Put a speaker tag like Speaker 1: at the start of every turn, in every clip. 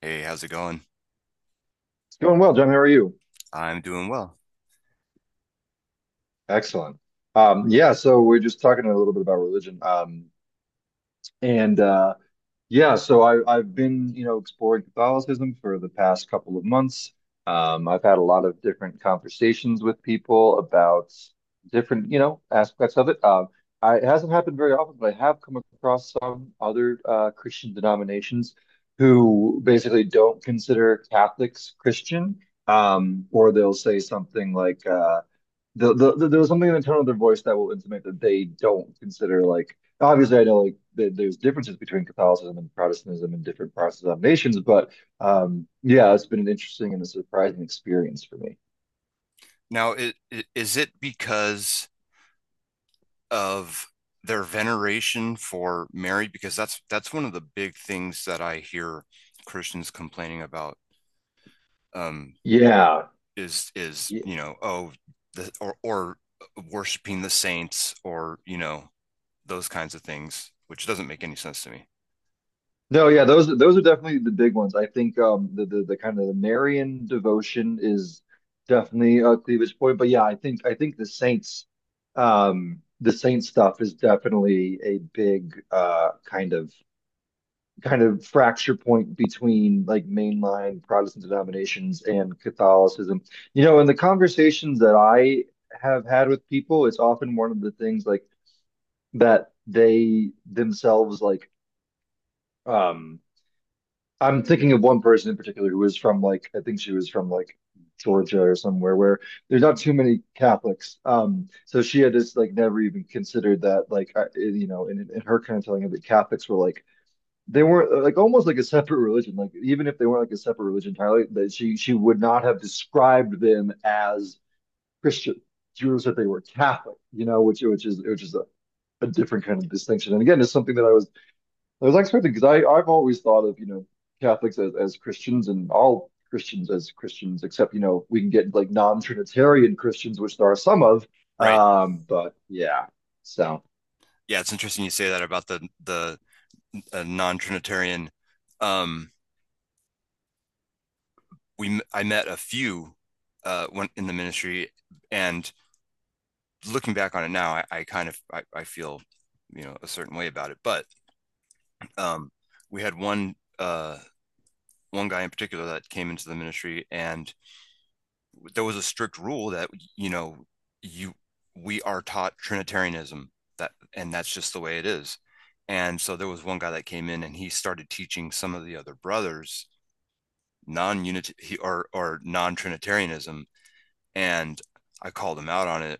Speaker 1: Hey, how's it going?
Speaker 2: It's going well, John. How are you?
Speaker 1: I'm doing well.
Speaker 2: Excellent. Yeah, so we're just talking a little bit about religion. And yeah, so I've been, you know, exploring Catholicism for the past couple of months. I've had a lot of different conversations with people about different, you know, aspects of it. It hasn't happened very often, but I have come across some other Christian denominations who basically don't consider Catholics Christian, or they'll say something like, there was something in the tone of their voice that will intimate that they don't consider like obviously I know like there's differences between Catholicism and Protestantism in different Protestant nations, but yeah, it's been an interesting and a surprising experience for me.
Speaker 1: Now, is it because of their veneration for Mary? Because that's one of the big things that I hear Christians complaining about, um,
Speaker 2: Yeah.
Speaker 1: is is
Speaker 2: Yeah.
Speaker 1: you know oh The, or worshiping the saints, or you know, those kinds of things, which doesn't make any sense to me.
Speaker 2: No, yeah, those are definitely the big ones. I think the kind of the Marian devotion is definitely a cleavage point, but yeah, I think the saints the saint stuff is definitely a big kind of fracture point between like mainline Protestant denominations and Catholicism. You know, in the conversations that I have had with people, it's often one of the things like that they themselves like um I'm thinking of one person in particular who was from like I think she was from like Georgia or somewhere where there's not too many Catholics. So she had just like never even considered that like you know in her kind of telling of that Catholics were like they weren't like almost like a separate religion. Like even if they weren't like a separate religion entirely, that she would not have described them as Christian. She would have said they were Catholic, you know, which is a different kind of distinction. And again, it's something that I was expecting because I've always thought of you know Catholics as Christians and all Christians as Christians, except you know we can get like non-Trinitarian Christians, which there are some of.
Speaker 1: Right?
Speaker 2: But yeah, so.
Speaker 1: Yeah, it's interesting you say that about the non-Trinitarian. Um, we, I met a few, went in the ministry, and looking back on it now, I kind of I feel, you know, a certain way about it. But um, we had one guy in particular that came into the ministry, and there was a strict rule that, you know, you, we are taught Trinitarianism, that, and that's just the way it is. And so there was one guy that came in and he started teaching some of the other brothers non-unity or non-trinitarianism, and I called him out on it.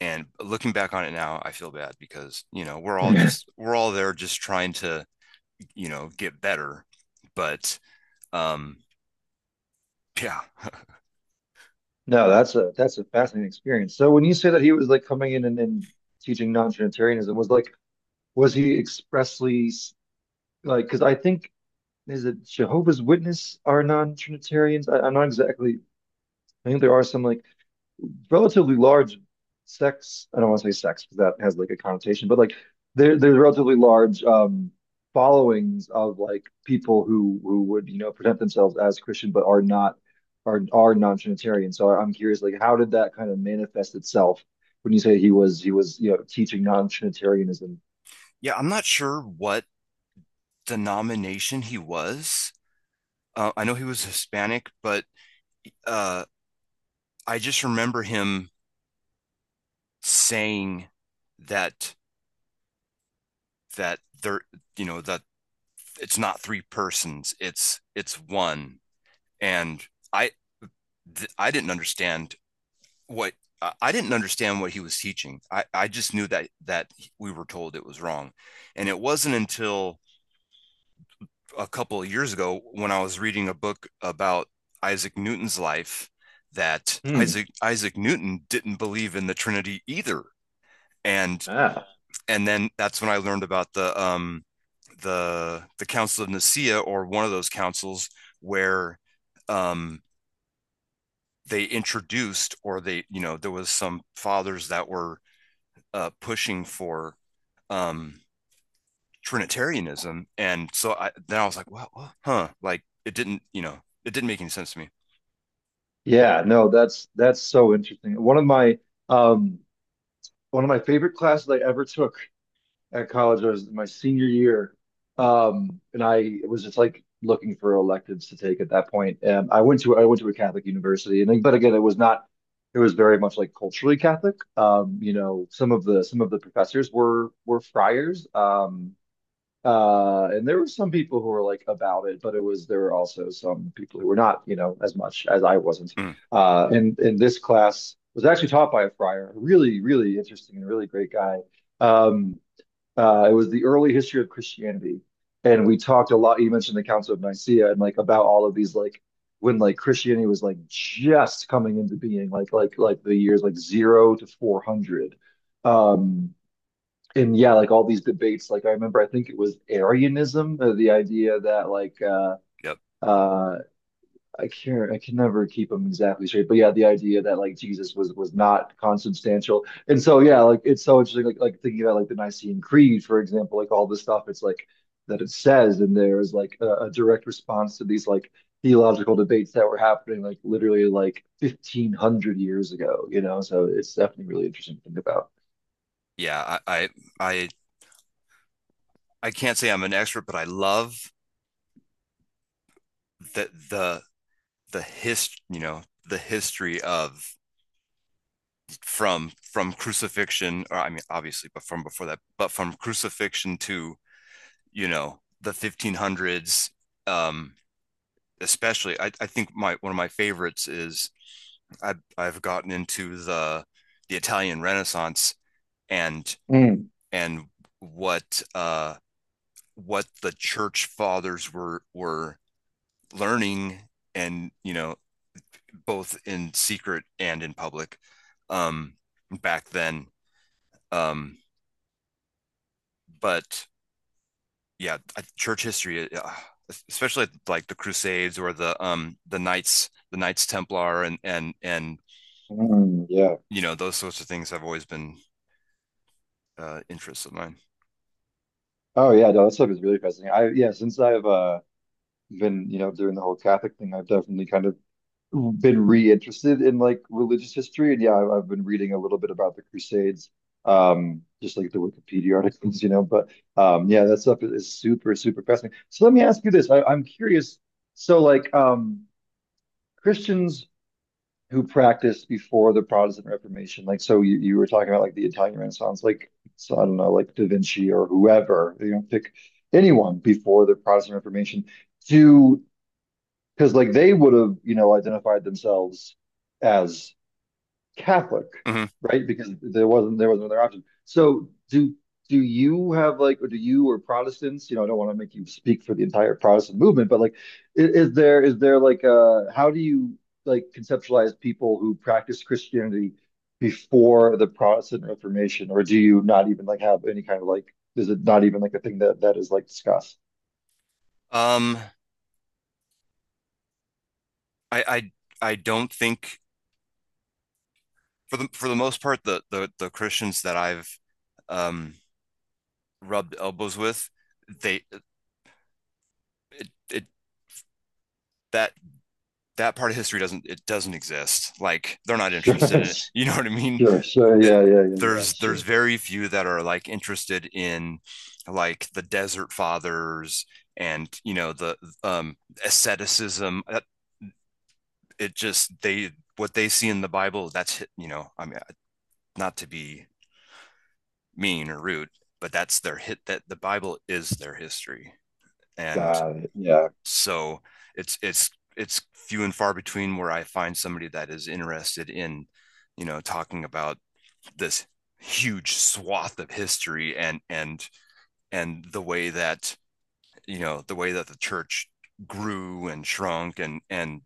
Speaker 1: And looking back on it now, I feel bad because, you know, we're all just, we're all there just trying to, you know, get better. But um, yeah,
Speaker 2: No, that's a fascinating experience. So when you say that he was like coming in and teaching non-Trinitarianism, was he expressly like because I think is it Jehovah's Witness are non-Trinitarians? I'm not exactly. I think there are some like relatively large sex. I don't want to say sex because that has like a connotation, but like there's relatively large followings of like people who would you know present themselves as Christian but are not are non-Trinitarian. So I'm curious, like how did that kind of manifest itself when you say he was you know teaching non-Trinitarianism?
Speaker 1: yeah, I'm not sure what denomination he was. I know he was Hispanic, but uh, I just remember him saying that, that there, you know, that it's not three persons, it's one. And I, I didn't understand what I didn't understand what he was teaching. I just knew that that we were told it was wrong. And it wasn't until a couple of years ago when I was reading a book about Isaac Newton's life that
Speaker 2: Hmm.
Speaker 1: Isaac Newton didn't believe in the Trinity either. And
Speaker 2: Ah.
Speaker 1: and then that's when I learned about the Council of Nicaea, or one of those councils where um they introduced, or they, you know, there was some fathers that were pushing for um, Trinitarianism, and so I, then I was like, wow, huh? Like it didn't, you know, it didn't make any sense to me.
Speaker 2: Yeah, no, that's so interesting. Um one of my favorite classes I ever took at college. I was my senior year, and I was just like looking for electives to take at that point. And I went to a Catholic university, and but again, it was not. It was very much like culturally Catholic. You know, some of the professors were friars. And there were some people who were like about it, but it was there were also some people who were not, you know, as much as I wasn't.
Speaker 1: Mm,
Speaker 2: And this class was actually taught by a friar, a really, really interesting and really great guy. Um, it was the early history of Christianity, and we talked a lot. You mentioned the Council of Nicaea and like about all of these like when like Christianity was like just coming into being, like the years like 0 to 400. Um, and yeah, like all these debates. Like I remember, I think it was Arianism, the idea that like
Speaker 1: yep,
Speaker 2: uh, I can't, I can never keep them exactly straight. But yeah, the idea that like Jesus was not consubstantial, and so yeah, like it's so interesting. Like thinking about like the Nicene Creed, for example, like all the stuff it's like that it says in there is like a direct response to these like theological debates that were happening like literally like 1500 years ago. You know, so it's definitely really interesting to think about.
Speaker 1: yeah, I, I, I can't say I'm an expert, but I love the the the you know, the history of, from crucifixion, or I mean, obviously, but from before that, but from crucifixion to, you know, the 1500s. um Especially, I think my, one of my favorites is, I, I've gotten into the Italian Renaissance, and
Speaker 2: Mm,
Speaker 1: and what uh, what the church fathers were learning, and you know, both in secret and in public, um, back then. Um, but yeah, church history, especially like the Crusades, or the, the Knights, the Knights Templar, and and
Speaker 2: mm, yeah.
Speaker 1: you know those sorts of things have always been, interests of mine.
Speaker 2: Oh yeah, no, that stuff is really fascinating. Since I've been you know doing the whole Catholic thing, I've definitely kind of been reinterested in like religious history, and yeah, I've been reading a little bit about the Crusades, just like the Wikipedia articles, you know. But yeah, that stuff is super, super fascinating. So let me ask you this: I'm curious. So like Christians who practiced before the Protestant Reformation, like so you were talking about like the Italian Renaissance, like so I don't know, like Da Vinci or whoever, you know, pick anyone before the Protestant Reformation. Do because like they would have, you know, identified themselves as Catholic,
Speaker 1: Mm-hmm.
Speaker 2: right? Because there was not another option. So do you have like, or do you or Protestants, you know, I don't want to make you speak for the entire Protestant movement, but like, is there like how do you like conceptualize people who practice Christianity before the Protestant Reformation, or do you not even like have any kind of like, is it not even like a thing that that is like discussed?
Speaker 1: Um, I I don't think, for the most part, the the Christians that I've um rubbed elbows with, they, it, that, that part of history doesn't, it doesn't exist, like they're not interested
Speaker 2: Sure,
Speaker 1: in it you know
Speaker 2: sure,
Speaker 1: what I mean.
Speaker 2: sure,
Speaker 1: It,
Speaker 2: yeah, yeah, yeah, yeah,
Speaker 1: there's
Speaker 2: sure.
Speaker 1: there's very few that are like interested in like the desert fathers, and you know, the um asceticism. It just they, what they see in the Bible, that's, you know, I mean, not to be mean or rude, but that's their hit, that the Bible is their history. And
Speaker 2: Got it. Yeah.
Speaker 1: so it's it's it's few and far between where I find somebody that is interested in, you know, talking about this huge swath of history, and the way that, you know, the way that the church grew and shrunk, and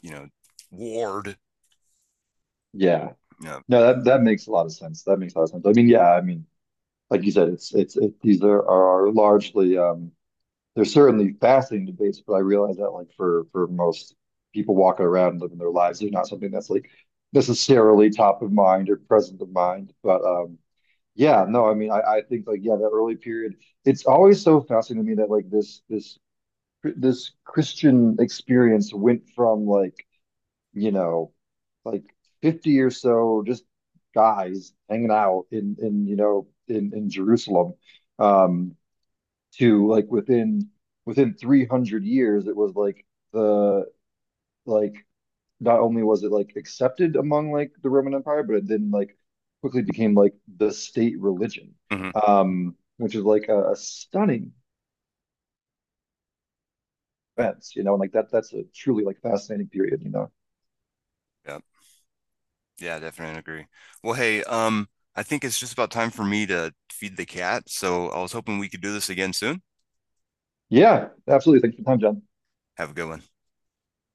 Speaker 1: you know, warred,
Speaker 2: Yeah.
Speaker 1: you know,
Speaker 2: No, that that makes a lot of sense. That makes a lot of sense. I mean, yeah, I mean, like you said, these are largely they're certainly fascinating debates, but I realize that like for most people walking around and living their lives, they're not something that's like necessarily top of mind or present of mind. But yeah, no, I mean, I think like yeah, that early period, it's always so fascinating to me that like this Christian experience went from like you know, like 50 or so just guys hanging out in you know in Jerusalem um to like within 300 years it was like the like not only was it like accepted among like the Roman Empire but it then like quickly became like the state religion,
Speaker 1: mm-hmm,
Speaker 2: which is like a stunning event you know and like that's a truly like fascinating period you know.
Speaker 1: yeah. Yeah, definitely agree. Well, hey, I think it's just about time for me to feed the cat, so I was hoping we could do this again soon.
Speaker 2: Yeah absolutely, thanks for your time, John.
Speaker 1: Have a good one.